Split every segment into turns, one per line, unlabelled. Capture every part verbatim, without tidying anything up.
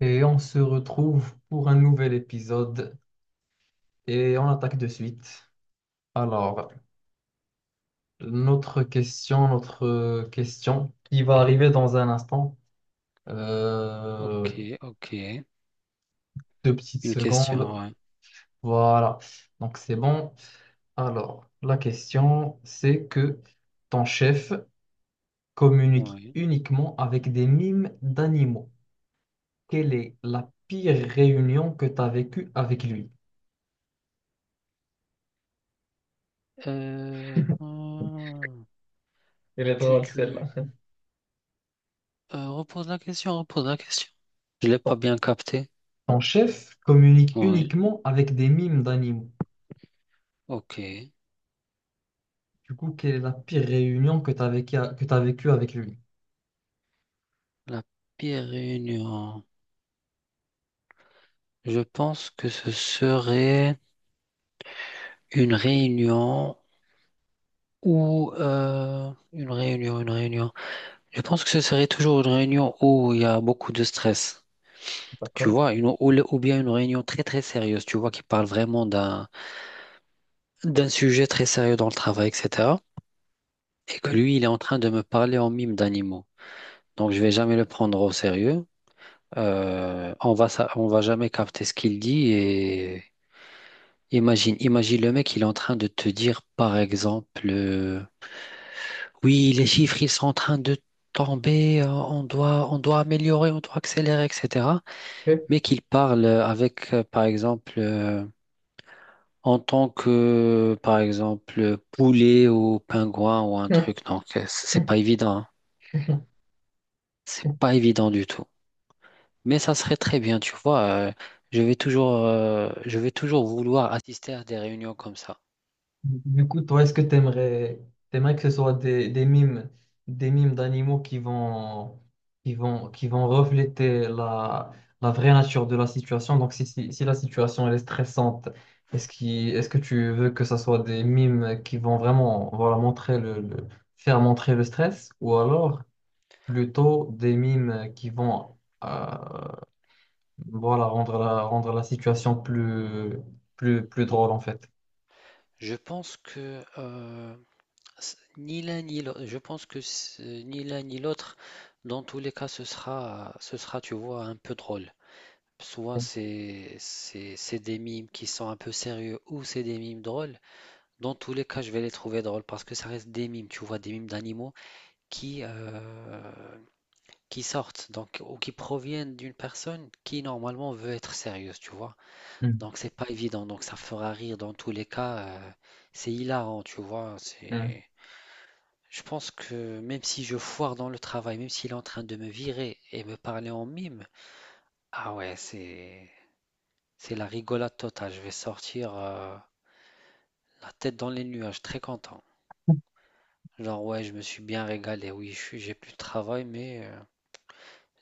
Et on se retrouve pour un nouvel épisode et on attaque de suite. Alors, notre question, notre euh, question qui va arriver dans un instant. Euh,
Ok, ok.
deux petites
Une question,
secondes.
ouais.
Voilà. Donc, c'est bon. Alors, la question, c'est que ton chef communique
Ouais.
uniquement avec des mimes d'animaux. Quelle est la pire réunion que tu as vécue avec lui?
Euh, hmm.
Elle est
tu,
drôle, celle-là.
tu, euh, Repose la question, repose la question. Je l'ai pas bien capté.
Ton chef communique
Oui,
uniquement avec des mimes d'animaux.
ok.
Du coup, quelle est la pire réunion que tu as vécue que tu vécue avec lui?
La pire réunion. Je pense que ce serait une réunion ou euh, une réunion, une réunion. Je pense que ce serait toujours une réunion où il y a beaucoup de stress. Tu
D'accord.
vois, une, ou, le- ou bien une réunion très très sérieuse, tu vois, qui parle vraiment d'un d'un sujet très sérieux dans le travail, et cetera. Et que
Ok,
lui, il est en train de me parler en mime d'animaux. Donc, je vais jamais le prendre au sérieux. Euh, on va, sa- on va jamais capter ce qu'il dit. Et imagine, imagine le mec, il est en train de te dire, par exemple, euh, oui, les chiffres, ils sont en train de tomber. Euh, On doit, on doit améliorer, on doit accélérer, et cetera.
ok.
Mais qu'il parle avec, euh, par exemple, euh, en tant que, par exemple, poulet ou pingouin ou un truc, donc euh, c'est pas évident, hein. C'est pas évident du tout. Mais ça serait très bien, tu vois. Euh, je vais toujours, euh, je vais toujours vouloir assister à des réunions comme ça.
Du coup, toi, est-ce que tu aimerais, que ce soit des, des mimes, des mimes d'animaux qui vont, qui vont, qui vont refléter la, la vraie nature de la situation? Donc, si, si, si la situation elle est stressante, est-ce qui, est-ce que tu veux que ce soit des mimes qui vont vraiment, voilà, montrer le, le- faire montrer le stress? Ou alors, plutôt des mimes qui vont euh, voilà, rendre la, rendre la situation plus, plus, plus drôle en fait.
Je pense que euh, c- ni l'un ni l'autre, je pense que c- ni l'un ni l'autre, dans tous les cas, ce sera, ce sera, tu vois, un peu drôle. Soit c'est, c'est, c'est des mimes qui sont un peu sérieux ou c'est des mimes drôles. Dans tous les cas, je vais les trouver drôles parce que ça reste des mimes, tu vois, des mimes d'animaux qui, euh, qui sortent donc, ou qui proviennent d'une personne qui normalement veut être sérieuse, tu vois.
Mm.
Donc c'est pas évident, donc ça fera rire dans tous les cas. Euh, c'est hilarant, tu vois.
Mm.
C'est... Je pense que même si je foire dans le travail, même s'il est en train de me virer et me parler en mime, ah ouais, c'est, c'est la rigolade totale. Je vais sortir, euh, la tête dans les nuages, très content. Genre, ouais, je me suis bien régalé. Oui, je suis- j'ai plus de travail, mais euh,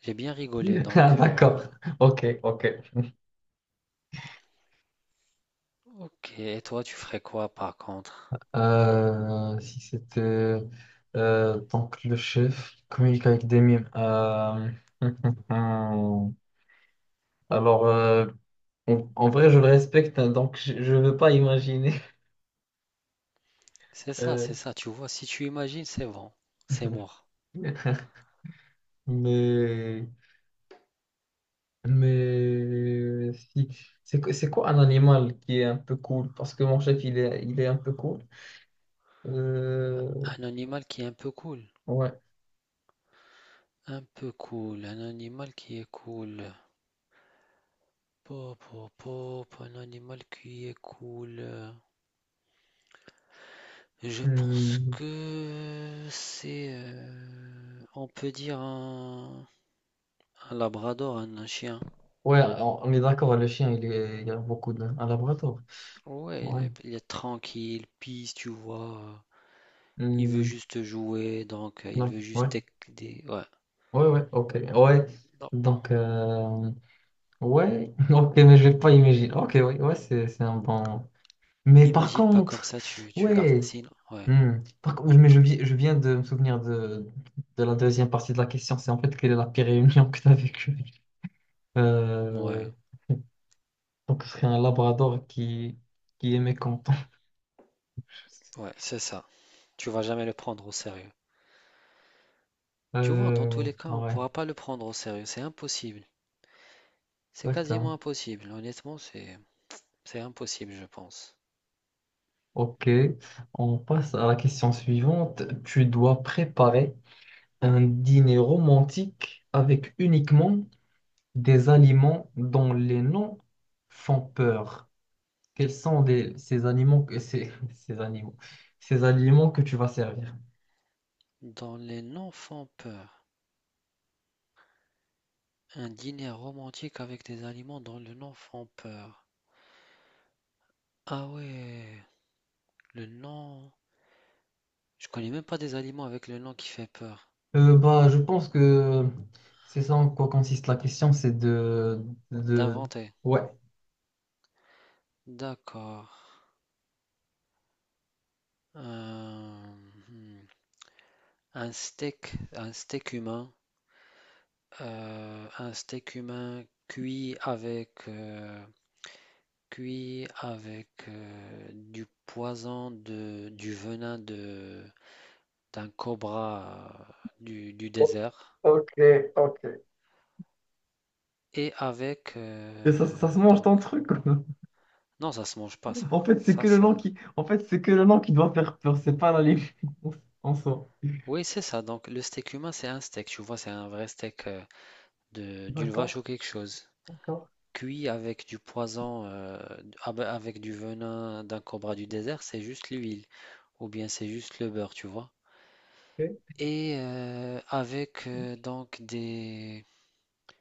j'ai bien rigolé. Donc,
Ah,
euh,
d'accord, ok, ok.
ok. Et toi, tu ferais quoi par contre?
Euh, si c'était euh, donc le chef communique avec des mimes. Euh, Alors, euh, en, en vrai, je le respecte, hein, donc je ne veux pas imaginer.
C'est ça,
Euh,
c'est ça. Tu vois, si tu imagines, c'est bon. C'est mort.
Mais Mais si, c'est quoi c'est quoi un animal qui est un peu cool? Parce que mon chef, il est, il est un peu cool. Euh,
Un animal qui est un peu cool.
ouais.
Un peu cool. Un animal qui est cool. Pop, pop, pop. Un animal qui est cool. Euh, je pense
Hmm.
que c'est. Euh, on peut dire un, un labrador, un un chien.
Ouais, on, on est d'accord, le chien, il est, il y a beaucoup de... Un labrador.
Ouais, il
Ouais.
est, il est tranquille, peace, tu vois. Il veut
Hmm.
juste jouer, donc euh, il
Non.
veut
Ouais.
juste tec- des... Ouais,
Ouais, ouais, ok. Ouais.
non.
Donc, euh, ouais. Ok, mais je vais pas imaginer. Ok, ouais, ouais, c'est, c'est un bon... Mais par
N'imagine pas comme
contre,
ça, tu, tu gardes.
ouais.
Sinon, ouais,
Hmm. Par contre, mais je, vi- je viens de me souvenir de, de la deuxième partie de la question. C'est en fait quelle est la pire réunion que tu as vécue?
ouais,
Euh, donc, ce serait un labrador qui, qui est mécontent.
ouais, c'est ça. Tu vas jamais le prendre au sérieux. Tu vois, dans tous
Euh,
les cas, on
ouais,
pourra pas le prendre au sérieux. C'est impossible. C'est quasiment
exactement.
impossible. Honnêtement, c'est, c'est impossible, je pense.
Ok, on passe à la question suivante. Tu dois préparer un dîner romantique avec uniquement des aliments dont les noms font peur. Quels sont des- ces animaux que ces, ces animaux, ces aliments que tu vas servir?
Dans les non-font-peur, un dîner romantique avec des aliments dans le non-font-peur. Ah ouais, le non... Je connais même pas des aliments avec le nom qui fait peur.
Euh, bah, je pense que c'est ça en quoi consiste la question, c'est de, de,
D'inventer.
ouais.
D'accord. Euh, hmm. Un steak, un steak humain, euh, un steak humain cuit avec, euh, cuit avec euh, du poison de, du venin de, d'un cobra euh, du, du désert
Ok, ok.
et avec
Et ça, ça se
euh,
mange
donc...
ton truc. Quoi.
Non, ça se mange pas, ça.
En fait, c'est que
ça
le
ça
nom qui, en fait, c'est que le nom qui doit faire peur, c'est pas l'aliment en soi.
oui, c'est ça, donc le steak humain, c'est un steak, tu vois, c'est un vrai steak euh, de- d'une vache
D'accord,
ou quelque chose.
d'accord.
Cuit avec du poison, euh, ah ben, avec du venin d'un cobra du désert, c'est juste l'huile, ou bien c'est juste le beurre, tu vois.
Ok.
Et euh, avec euh, donc des,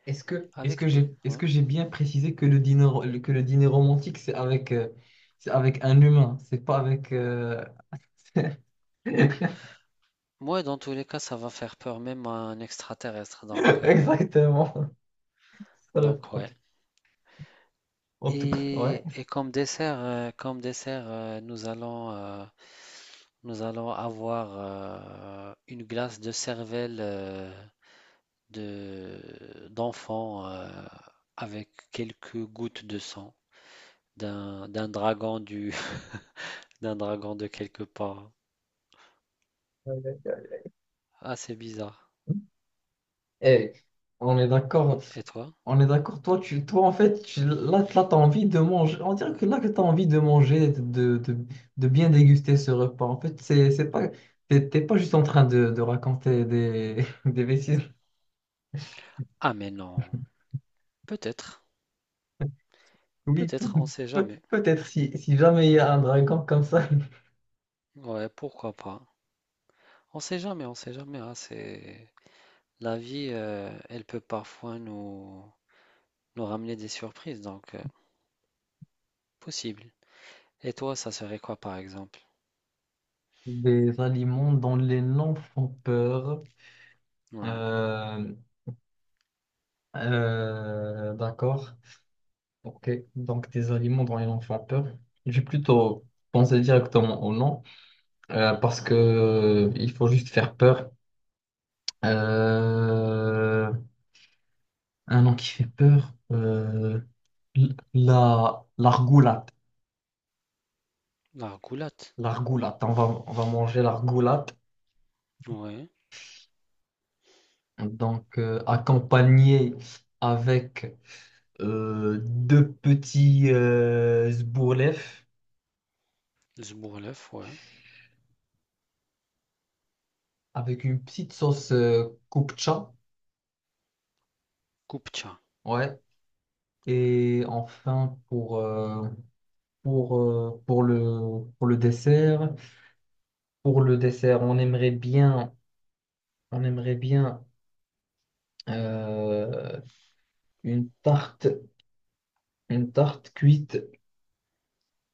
Est-ce que, est-ce que
avec
j'ai,
des,
est-ce
ouais.
que j'ai bien précisé que le dîner, le- que le dîner romantique, c'est avec, euh, c'est avec un humain, c'est pas avec... euh,
Moi, dans tous les cas, ça va faire peur même à un extraterrestre, donc euh,
Exactement, c'est ça le
donc ouais.
problème. En tout cas, ouais.
Et, et comme dessert, euh, comme dessert, euh, nous allons euh, nous allons avoir euh, une glace de cervelle. Euh, de d'enfants euh, avec quelques gouttes de sang d'un d'un dragon du d'un dragon de quelque part.
Ouais, ouais, ouais.
Ah, c'est bizarre.
Eh, on est d'accord,
Mm. Et toi?
on est d'accord. Toi, tu, toi, en fait, tu- là, là, t'as envie de manger. On dirait que là, que t'as envie de manger, de, de, de bien déguster ce repas. En fait, c'est, c'est pas, t'es t'es pas juste en train de, de raconter des, des bêtises.
Ah, mais non. Peut-être.
Oui,
Peut-être, on sait
peut-
jamais.
peut-être si, si jamais il y a un dragon comme ça.
Ouais, pourquoi pas. On sait jamais, on sait jamais, hein, c'est la vie, euh, elle peut parfois nous nous ramener des surprises, donc euh, possible. Et toi, ça serait quoi par exemple?
Des aliments dont les noms font peur.
Ouais,
Euh, euh, d'accord. Ok. Donc des aliments dont les noms font peur. J'ai plutôt pensé directement au nom euh, parce que euh, il faut juste faire peur. Euh, un nom qui fait peur. Euh, l- la l'argoulate.
la roulotte.
L'argoulate. On va on va manger l'argoulate.
Ouais,
Donc, euh, accompagné avec euh, deux petits euh, zbourlef,
le zbourlef, ouais.
avec une petite sauce euh, kupcha.
Kupcha.
Ouais. Et enfin, pour, euh, pour, euh, pour le, pour le dessert, pour le dessert, on aimerait bien, on aimerait bien euh, une tarte, une tarte cuite,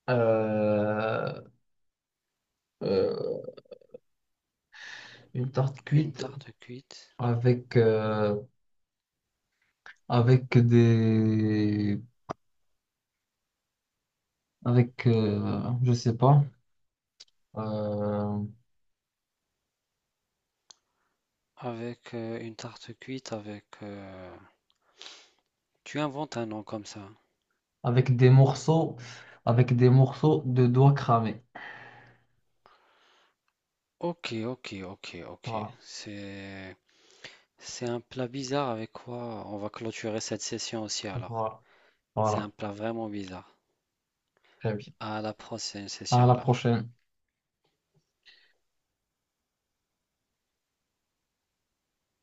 euh, euh, une tarte
Une
cuite
tarte cuite
avec, euh, avec des avec euh, je sais pas euh,
avec euh, une tarte cuite avec euh, tu inventes un nom comme ça.
avec des morceaux avec des morceaux de doigts cramés.
Ok, ok, ok, ok.
Voilà,
C'est c'est un plat bizarre avec quoi on va clôturer cette session aussi alors.
voilà,
C'est un
voilà.
plat vraiment bizarre.
Très bien.
À la prochaine
À
session
la
alors.
prochaine.